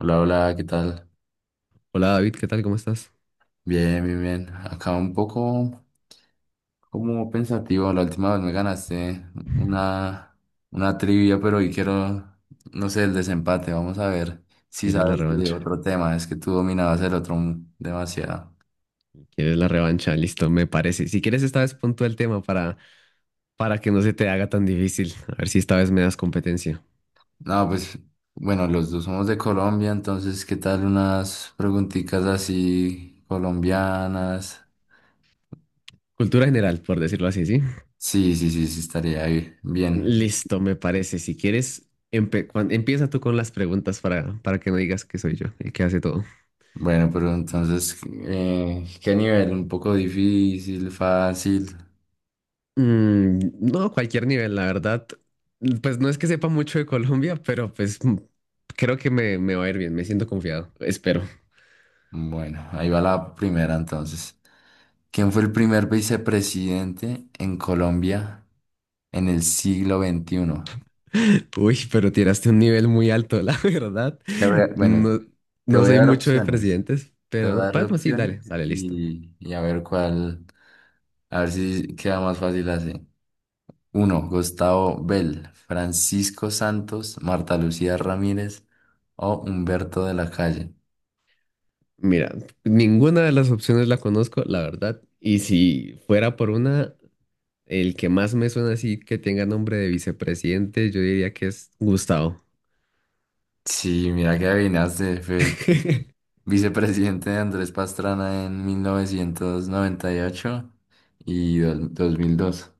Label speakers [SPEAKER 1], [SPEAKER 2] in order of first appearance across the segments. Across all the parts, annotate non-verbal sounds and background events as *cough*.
[SPEAKER 1] Hola, hola, ¿qué tal?
[SPEAKER 2] Hola David, ¿qué tal? ¿Cómo estás?
[SPEAKER 1] Bien, bien, bien. Acá un poco como pensativo. La última vez me ganaste una, una trivia, pero hoy quiero, no sé, el desempate. Vamos a ver si
[SPEAKER 2] ¿Quieres la
[SPEAKER 1] sabes de
[SPEAKER 2] revancha?
[SPEAKER 1] otro tema. Es que tú dominabas el otro demasiado.
[SPEAKER 2] ¿Quieres la revancha? Listo, me parece. Si quieres, esta vez pon tú el tema para que no se te haga tan difícil. A ver si esta vez me das competencia.
[SPEAKER 1] No, pues bueno, los dos somos de Colombia, entonces, ¿qué tal unas preguntitas así colombianas?
[SPEAKER 2] Cultura general, por decirlo así, ¿sí?
[SPEAKER 1] Sí, sí, sí, sí, estaría bien.
[SPEAKER 2] Listo, me parece. Si quieres, empieza tú con las preguntas para que no digas que soy yo el que hace todo.
[SPEAKER 1] Bueno, pero entonces, ¿qué nivel? ¿Un poco difícil, fácil?
[SPEAKER 2] No, cualquier nivel, la verdad. Pues no es que sepa mucho de Colombia, pero pues creo que me va a ir bien. Me siento confiado. Espero.
[SPEAKER 1] Bueno, ahí va la primera entonces. ¿Quién fue el primer vicepresidente en Colombia en el siglo XXI?
[SPEAKER 2] Uy, pero tiraste un nivel muy alto, la *laughs* verdad.
[SPEAKER 1] Bueno,
[SPEAKER 2] No,
[SPEAKER 1] te
[SPEAKER 2] no
[SPEAKER 1] voy a
[SPEAKER 2] soy
[SPEAKER 1] dar
[SPEAKER 2] mucho de
[SPEAKER 1] opciones.
[SPEAKER 2] presidentes,
[SPEAKER 1] Te
[SPEAKER 2] pero
[SPEAKER 1] voy a
[SPEAKER 2] no.
[SPEAKER 1] dar
[SPEAKER 2] Bueno, sí, dale,
[SPEAKER 1] opciones
[SPEAKER 2] dale, listo.
[SPEAKER 1] y a ver cuál, a ver si queda más fácil así. Uno, Gustavo Bell, Francisco Santos, Marta Lucía Ramírez o Humberto de la Calle.
[SPEAKER 2] Mira, ninguna de las opciones la conozco, la verdad. Y si fuera por una, el que más me suena así que tenga nombre de vicepresidente, yo diría que es Gustavo.
[SPEAKER 1] Sí, mira que adivinaste, fue el
[SPEAKER 2] *laughs*
[SPEAKER 1] vicepresidente de Andrés Pastrana en 1998 y 2002.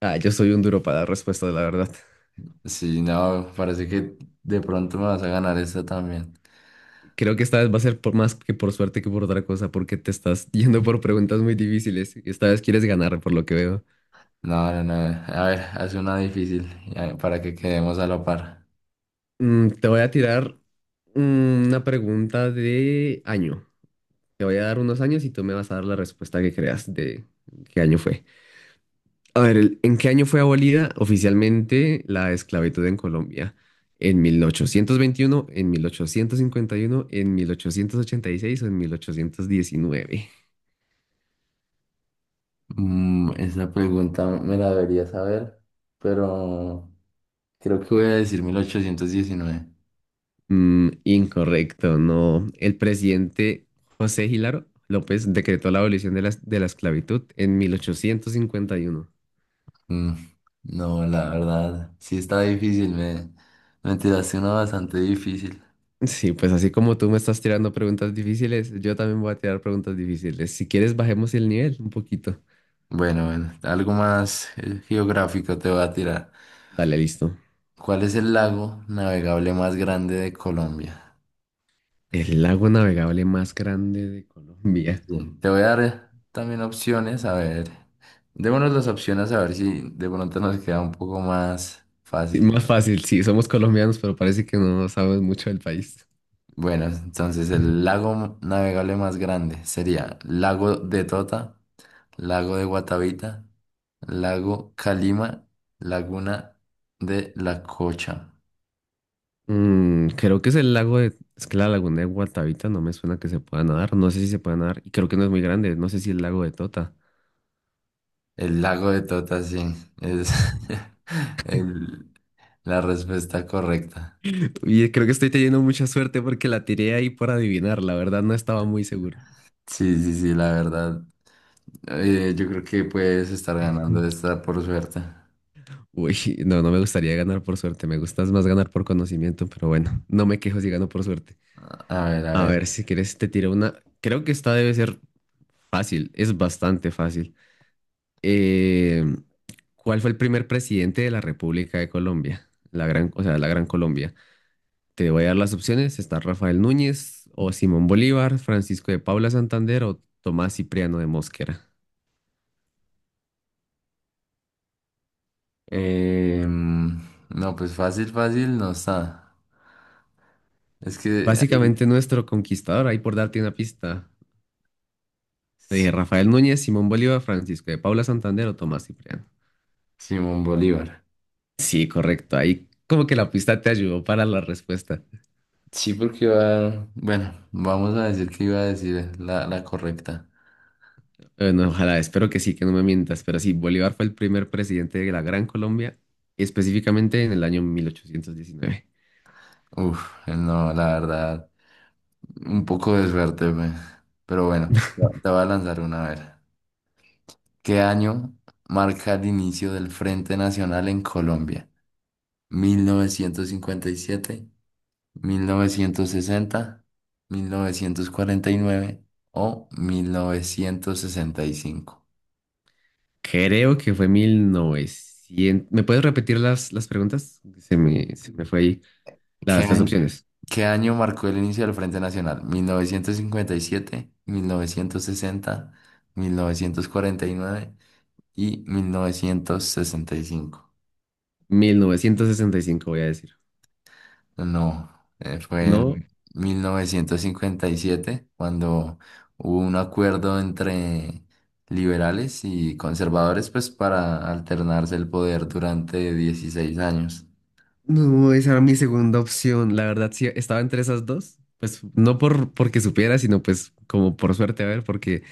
[SPEAKER 2] Ah, yo soy un duro para dar respuestas, la verdad.
[SPEAKER 1] Sí, no, parece que de pronto me vas a ganar esta también.
[SPEAKER 2] Creo que esta vez va a ser por más que por suerte que por otra cosa, porque te estás *laughs* yendo por preguntas muy difíciles. Esta vez quieres ganar, por lo que veo.
[SPEAKER 1] No, no, no. A ver, hace una difícil para que quedemos a la par.
[SPEAKER 2] Te voy a tirar una pregunta de año. Te voy a dar unos años y tú me vas a dar la respuesta que creas de qué año fue. A ver, el- ¿en qué año fue abolida oficialmente la esclavitud en Colombia? ¿En 1821, en 1851, en 1886 o en 1819?
[SPEAKER 1] Esa pregunta me la debería saber, pero creo que voy a decir 1819.
[SPEAKER 2] Incorrecto, no. El presidente José Hilaro López decretó la abolición de la esclavitud en 1851.
[SPEAKER 1] Mm, No, la verdad, sí está difícil, me tiraste una bastante difícil.
[SPEAKER 2] Sí, pues así como tú me estás tirando preguntas difíciles, yo también voy a tirar preguntas difíciles. Si quieres, bajemos el nivel un poquito.
[SPEAKER 1] Bueno, bueno, algo más geográfico te voy a tirar.
[SPEAKER 2] Dale, listo.
[SPEAKER 1] ¿Cuál es el lago navegable más grande de Colombia?
[SPEAKER 2] El lago navegable más grande de Colombia.
[SPEAKER 1] Sí, te voy a dar también opciones, a ver. Démonos las opciones a ver si de pronto nos queda un poco más
[SPEAKER 2] Sí,
[SPEAKER 1] fácil.
[SPEAKER 2] más fácil, sí, somos colombianos, pero parece que no sabemos mucho del país.
[SPEAKER 1] Bueno, entonces el lago navegable más grande sería Lago de Tota, Lago de Guatavita, Lago Calima, Laguna de La Cocha.
[SPEAKER 2] Creo que es el lago de... Es que la laguna de Guatavita no me suena que se pueda nadar. No sé si se puede nadar. Y creo que no es muy grande. No sé si el lago de Tota.
[SPEAKER 1] El lago de Tota, sí, es *laughs* el- la respuesta correcta.
[SPEAKER 2] Y creo que estoy teniendo mucha suerte porque la tiré ahí por adivinar. La verdad no estaba muy seguro.
[SPEAKER 1] Sí, sí, sí, la verdad. Yo creo que puedes estar ganando esta por suerte.
[SPEAKER 2] Uy, *laughs* no, no me gustaría ganar por suerte, me gustas más ganar por conocimiento, pero bueno, no me quejo si gano por suerte.
[SPEAKER 1] A ver, a
[SPEAKER 2] A
[SPEAKER 1] ver.
[SPEAKER 2] ver, si quieres te tiro una, creo que esta debe ser fácil, es bastante fácil. Eh, ¿Cuál fue el primer presidente de la República de Colombia? La gran, o sea, la Gran Colombia. Te voy a dar las opciones, está Rafael Núñez o Simón Bolívar, Francisco de Paula Santander o Tomás Cipriano de Mosquera.
[SPEAKER 1] Em, no, pues fácil, fácil no está. Es que ay,
[SPEAKER 2] Básicamente nuestro conquistador, ahí por darte una pista. Te dije
[SPEAKER 1] Si-
[SPEAKER 2] Rafael Núñez, Simón Bolívar, Francisco de Paula Santander o Tomás Cipriano.
[SPEAKER 1] Simón Bolívar.
[SPEAKER 2] Sí, correcto. Ahí como que la pista te ayudó para la respuesta.
[SPEAKER 1] Sí, porque iba, bueno, vamos a decir que iba a decir la correcta.
[SPEAKER 2] Bueno, ojalá, espero que sí, que no me mientas. Pero sí, Bolívar fue el primer presidente de la Gran Colombia, específicamente en el año 1819.
[SPEAKER 1] Uf, no, la verdad, un poco de suerte, pues. Pero bueno, te voy a lanzar una a ver. ¿Qué año marca el inicio del Frente Nacional en Colombia? ¿1957, 1960, 1949 o 1965?
[SPEAKER 2] Creo que fue 1900. ¿Me puedes repetir las preguntas? Se me fue ahí
[SPEAKER 1] ¿Qué
[SPEAKER 2] las
[SPEAKER 1] año,
[SPEAKER 2] opciones.
[SPEAKER 1] qué año marcó el inicio del Frente Nacional? ¿1957, 1960, 1949 y 1965?
[SPEAKER 2] 1965 voy a decir.
[SPEAKER 1] No, fue
[SPEAKER 2] No,
[SPEAKER 1] en 1957 cuando hubo un acuerdo entre liberales y conservadores pues para alternarse el poder durante 16 años.
[SPEAKER 2] No, esa era mi segunda opción. La verdad, sí, estaba entre esas dos. Pues no por porque supiera, sino pues como por suerte, a ver, porque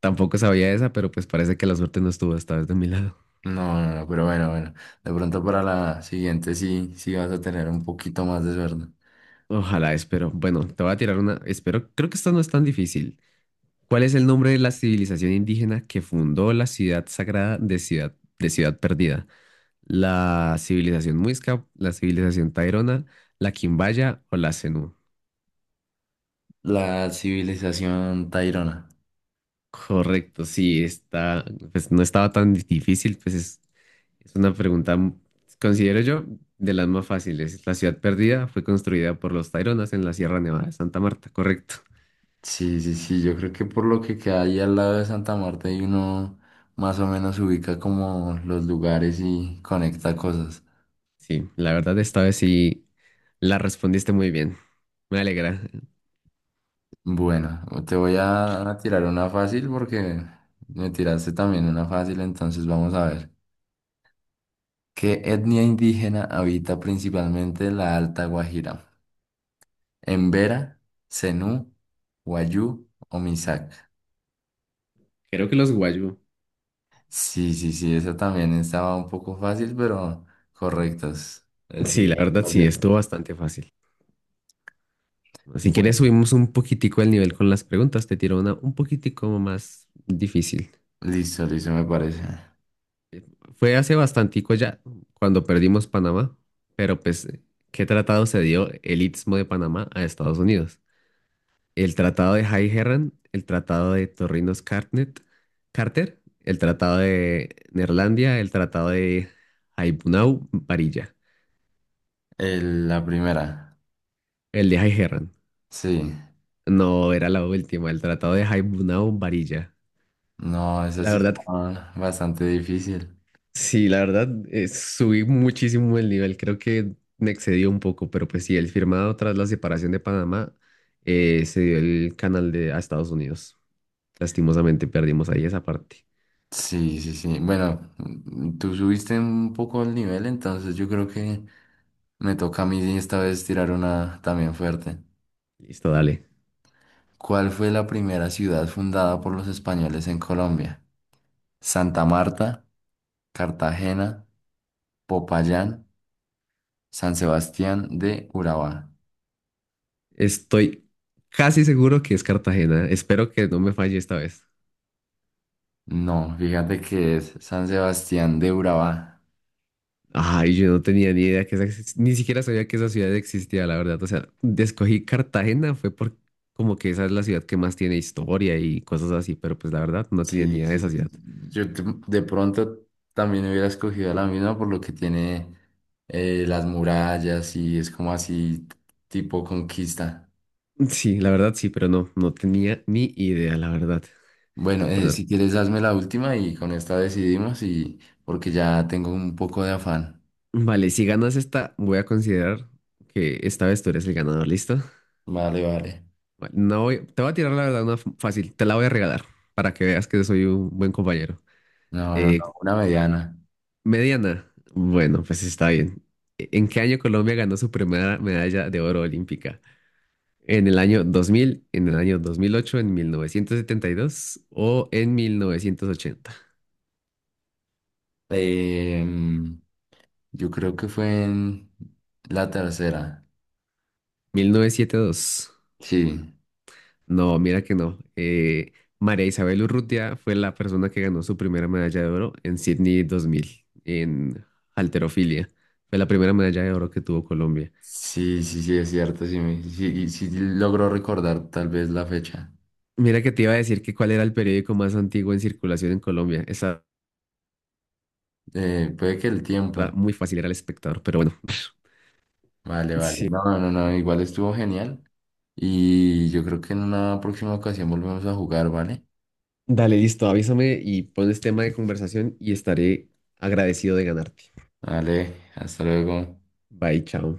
[SPEAKER 2] tampoco sabía esa, pero pues parece que la suerte no estuvo esta vez de mi lado.
[SPEAKER 1] No, no, no, pero bueno, bueno. De pronto para la siguiente sí, sí vas a tener un poquito más de suerte.
[SPEAKER 2] Ojalá, espero. Bueno, te voy a tirar una. Espero, creo que esta no es tan difícil. ¿Cuál es el nombre de la civilización indígena que fundó la ciudad sagrada de Ciudad Perdida? ¿La civilización Muisca, la civilización Tairona, la Quimbaya o la Zenú?
[SPEAKER 1] La civilización Tairona.
[SPEAKER 2] Correcto, sí, está, pues no estaba tan difícil, pues es, es una pregunta, considero yo, de las más fáciles. La ciudad perdida fue construida por los Taironas en la Sierra Nevada de Santa Marta, correcto.
[SPEAKER 1] Sí, sí, sí. Yo creo que por lo que queda ahí al lado de Santa Marta y uno más o menos ubica como los lugares y conecta cosas.
[SPEAKER 2] Sí, la verdad esta vez sí la respondiste muy bien. Me alegra.
[SPEAKER 1] Bueno, te voy a tirar una fácil porque me tiraste también una fácil, entonces vamos a ver. ¿Qué etnia indígena habita principalmente la Alta Guajira? Embera, Zenú, Wayuu o Misak.
[SPEAKER 2] Creo que los guayú.
[SPEAKER 1] Sí, sí, sí, esa también estaba un poco fácil, pero correctos. Es
[SPEAKER 2] Sí,
[SPEAKER 1] decir,
[SPEAKER 2] la verdad sí,
[SPEAKER 1] valió.
[SPEAKER 2] estuvo bastante fácil. Si quieres
[SPEAKER 1] Bueno,
[SPEAKER 2] subimos un poquitico el nivel con las preguntas, te tiro una un poquitico más difícil.
[SPEAKER 1] listo, listo, me parece.
[SPEAKER 2] Fue hace bastantico ya, cuando perdimos Panamá, pero pues, ¿qué tratado se dio el Istmo de Panamá a Estados Unidos? El tratado de High Herran, el tratado de Carter, el tratado de Neerlandia, el tratado de Haibunau Varilla,
[SPEAKER 1] La primera,
[SPEAKER 2] el de High Herran.
[SPEAKER 1] sí.
[SPEAKER 2] No, era la última, el tratado de Haibunau Varilla.
[SPEAKER 1] No, esa
[SPEAKER 2] La
[SPEAKER 1] sí
[SPEAKER 2] verdad.
[SPEAKER 1] estaba bastante difícil.
[SPEAKER 2] Sí, la verdad, subí muchísimo el nivel, creo que me excedió un poco, pero pues sí, el firmado tras la separación de Panamá se dio el canal de, a Estados Unidos. Lastimosamente perdimos ahí esa parte.
[SPEAKER 1] Sí, sí, sí. Bueno, tú subiste un poco el nivel, entonces yo creo que me toca a mí sí esta vez tirar una también fuerte.
[SPEAKER 2] Listo, dale.
[SPEAKER 1] ¿Cuál fue la primera ciudad fundada por los españoles en Colombia? Santa Marta, Cartagena, Popayán, San Sebastián de Urabá.
[SPEAKER 2] Estoy casi seguro que es Cartagena, espero que no me falle esta vez.
[SPEAKER 1] No, fíjate que es San Sebastián de Urabá.
[SPEAKER 2] Ay, yo no tenía ni idea que esa, ni siquiera sabía que esa ciudad existía, la verdad. O sea, escogí Cartagena fue por como que esa es la ciudad que más tiene historia y cosas así, pero pues la verdad no tenía ni
[SPEAKER 1] Sí,
[SPEAKER 2] idea de
[SPEAKER 1] sí,
[SPEAKER 2] esa
[SPEAKER 1] sí.
[SPEAKER 2] ciudad.
[SPEAKER 1] De pronto también hubiera escogido la misma por lo que tiene las murallas y es como así tipo conquista.
[SPEAKER 2] Sí, la verdad sí, pero no, no tenía ni idea, la verdad.
[SPEAKER 1] Bueno,
[SPEAKER 2] Bueno,
[SPEAKER 1] si quieres hazme la última y con esta decidimos y porque ya tengo un poco de afán.
[SPEAKER 2] vale, si ganas esta, voy a considerar que esta vez tú eres el ganador, ¿listo?
[SPEAKER 1] Vale, vale.
[SPEAKER 2] Vale, No voy, te voy a tirar la verdad una fácil, te la voy a regalar para que veas que soy un buen compañero.
[SPEAKER 1] No, no,
[SPEAKER 2] Eh,
[SPEAKER 1] no, una mediana.
[SPEAKER 2] Mediana, bueno, pues está bien. ¿En qué año Colombia ganó su primera medalla de oro olímpica? ¿En el año 2000, en el año 2008, en 1972 o en 1980?
[SPEAKER 1] Em, yo creo que fue en la tercera.
[SPEAKER 2] 1972.
[SPEAKER 1] Sí,
[SPEAKER 2] No, mira que no. María Isabel Urrutia fue la persona que ganó su primera medalla de oro en Sydney 2000 en halterofilia. Fue la primera medalla de oro que tuvo Colombia.
[SPEAKER 1] sí, sí, sí, es cierto. Sí, sí, sí logro recordar tal vez la fecha.
[SPEAKER 2] Mira que te iba a decir que cuál era el periódico más antiguo en circulación en Colombia. Esa
[SPEAKER 1] Puede que el
[SPEAKER 2] era
[SPEAKER 1] tiempo.
[SPEAKER 2] muy fácil, era El Espectador, pero bueno. *laughs*
[SPEAKER 1] Vale, vale.
[SPEAKER 2] Sí.
[SPEAKER 1] No, no, no, igual estuvo genial. Y yo creo que en una próxima ocasión volvemos a jugar, ¿vale?
[SPEAKER 2] Dale, listo, avísame y pones tema de conversación y estaré agradecido de ganarte.
[SPEAKER 1] Vale, hasta luego.
[SPEAKER 2] Bye, chao.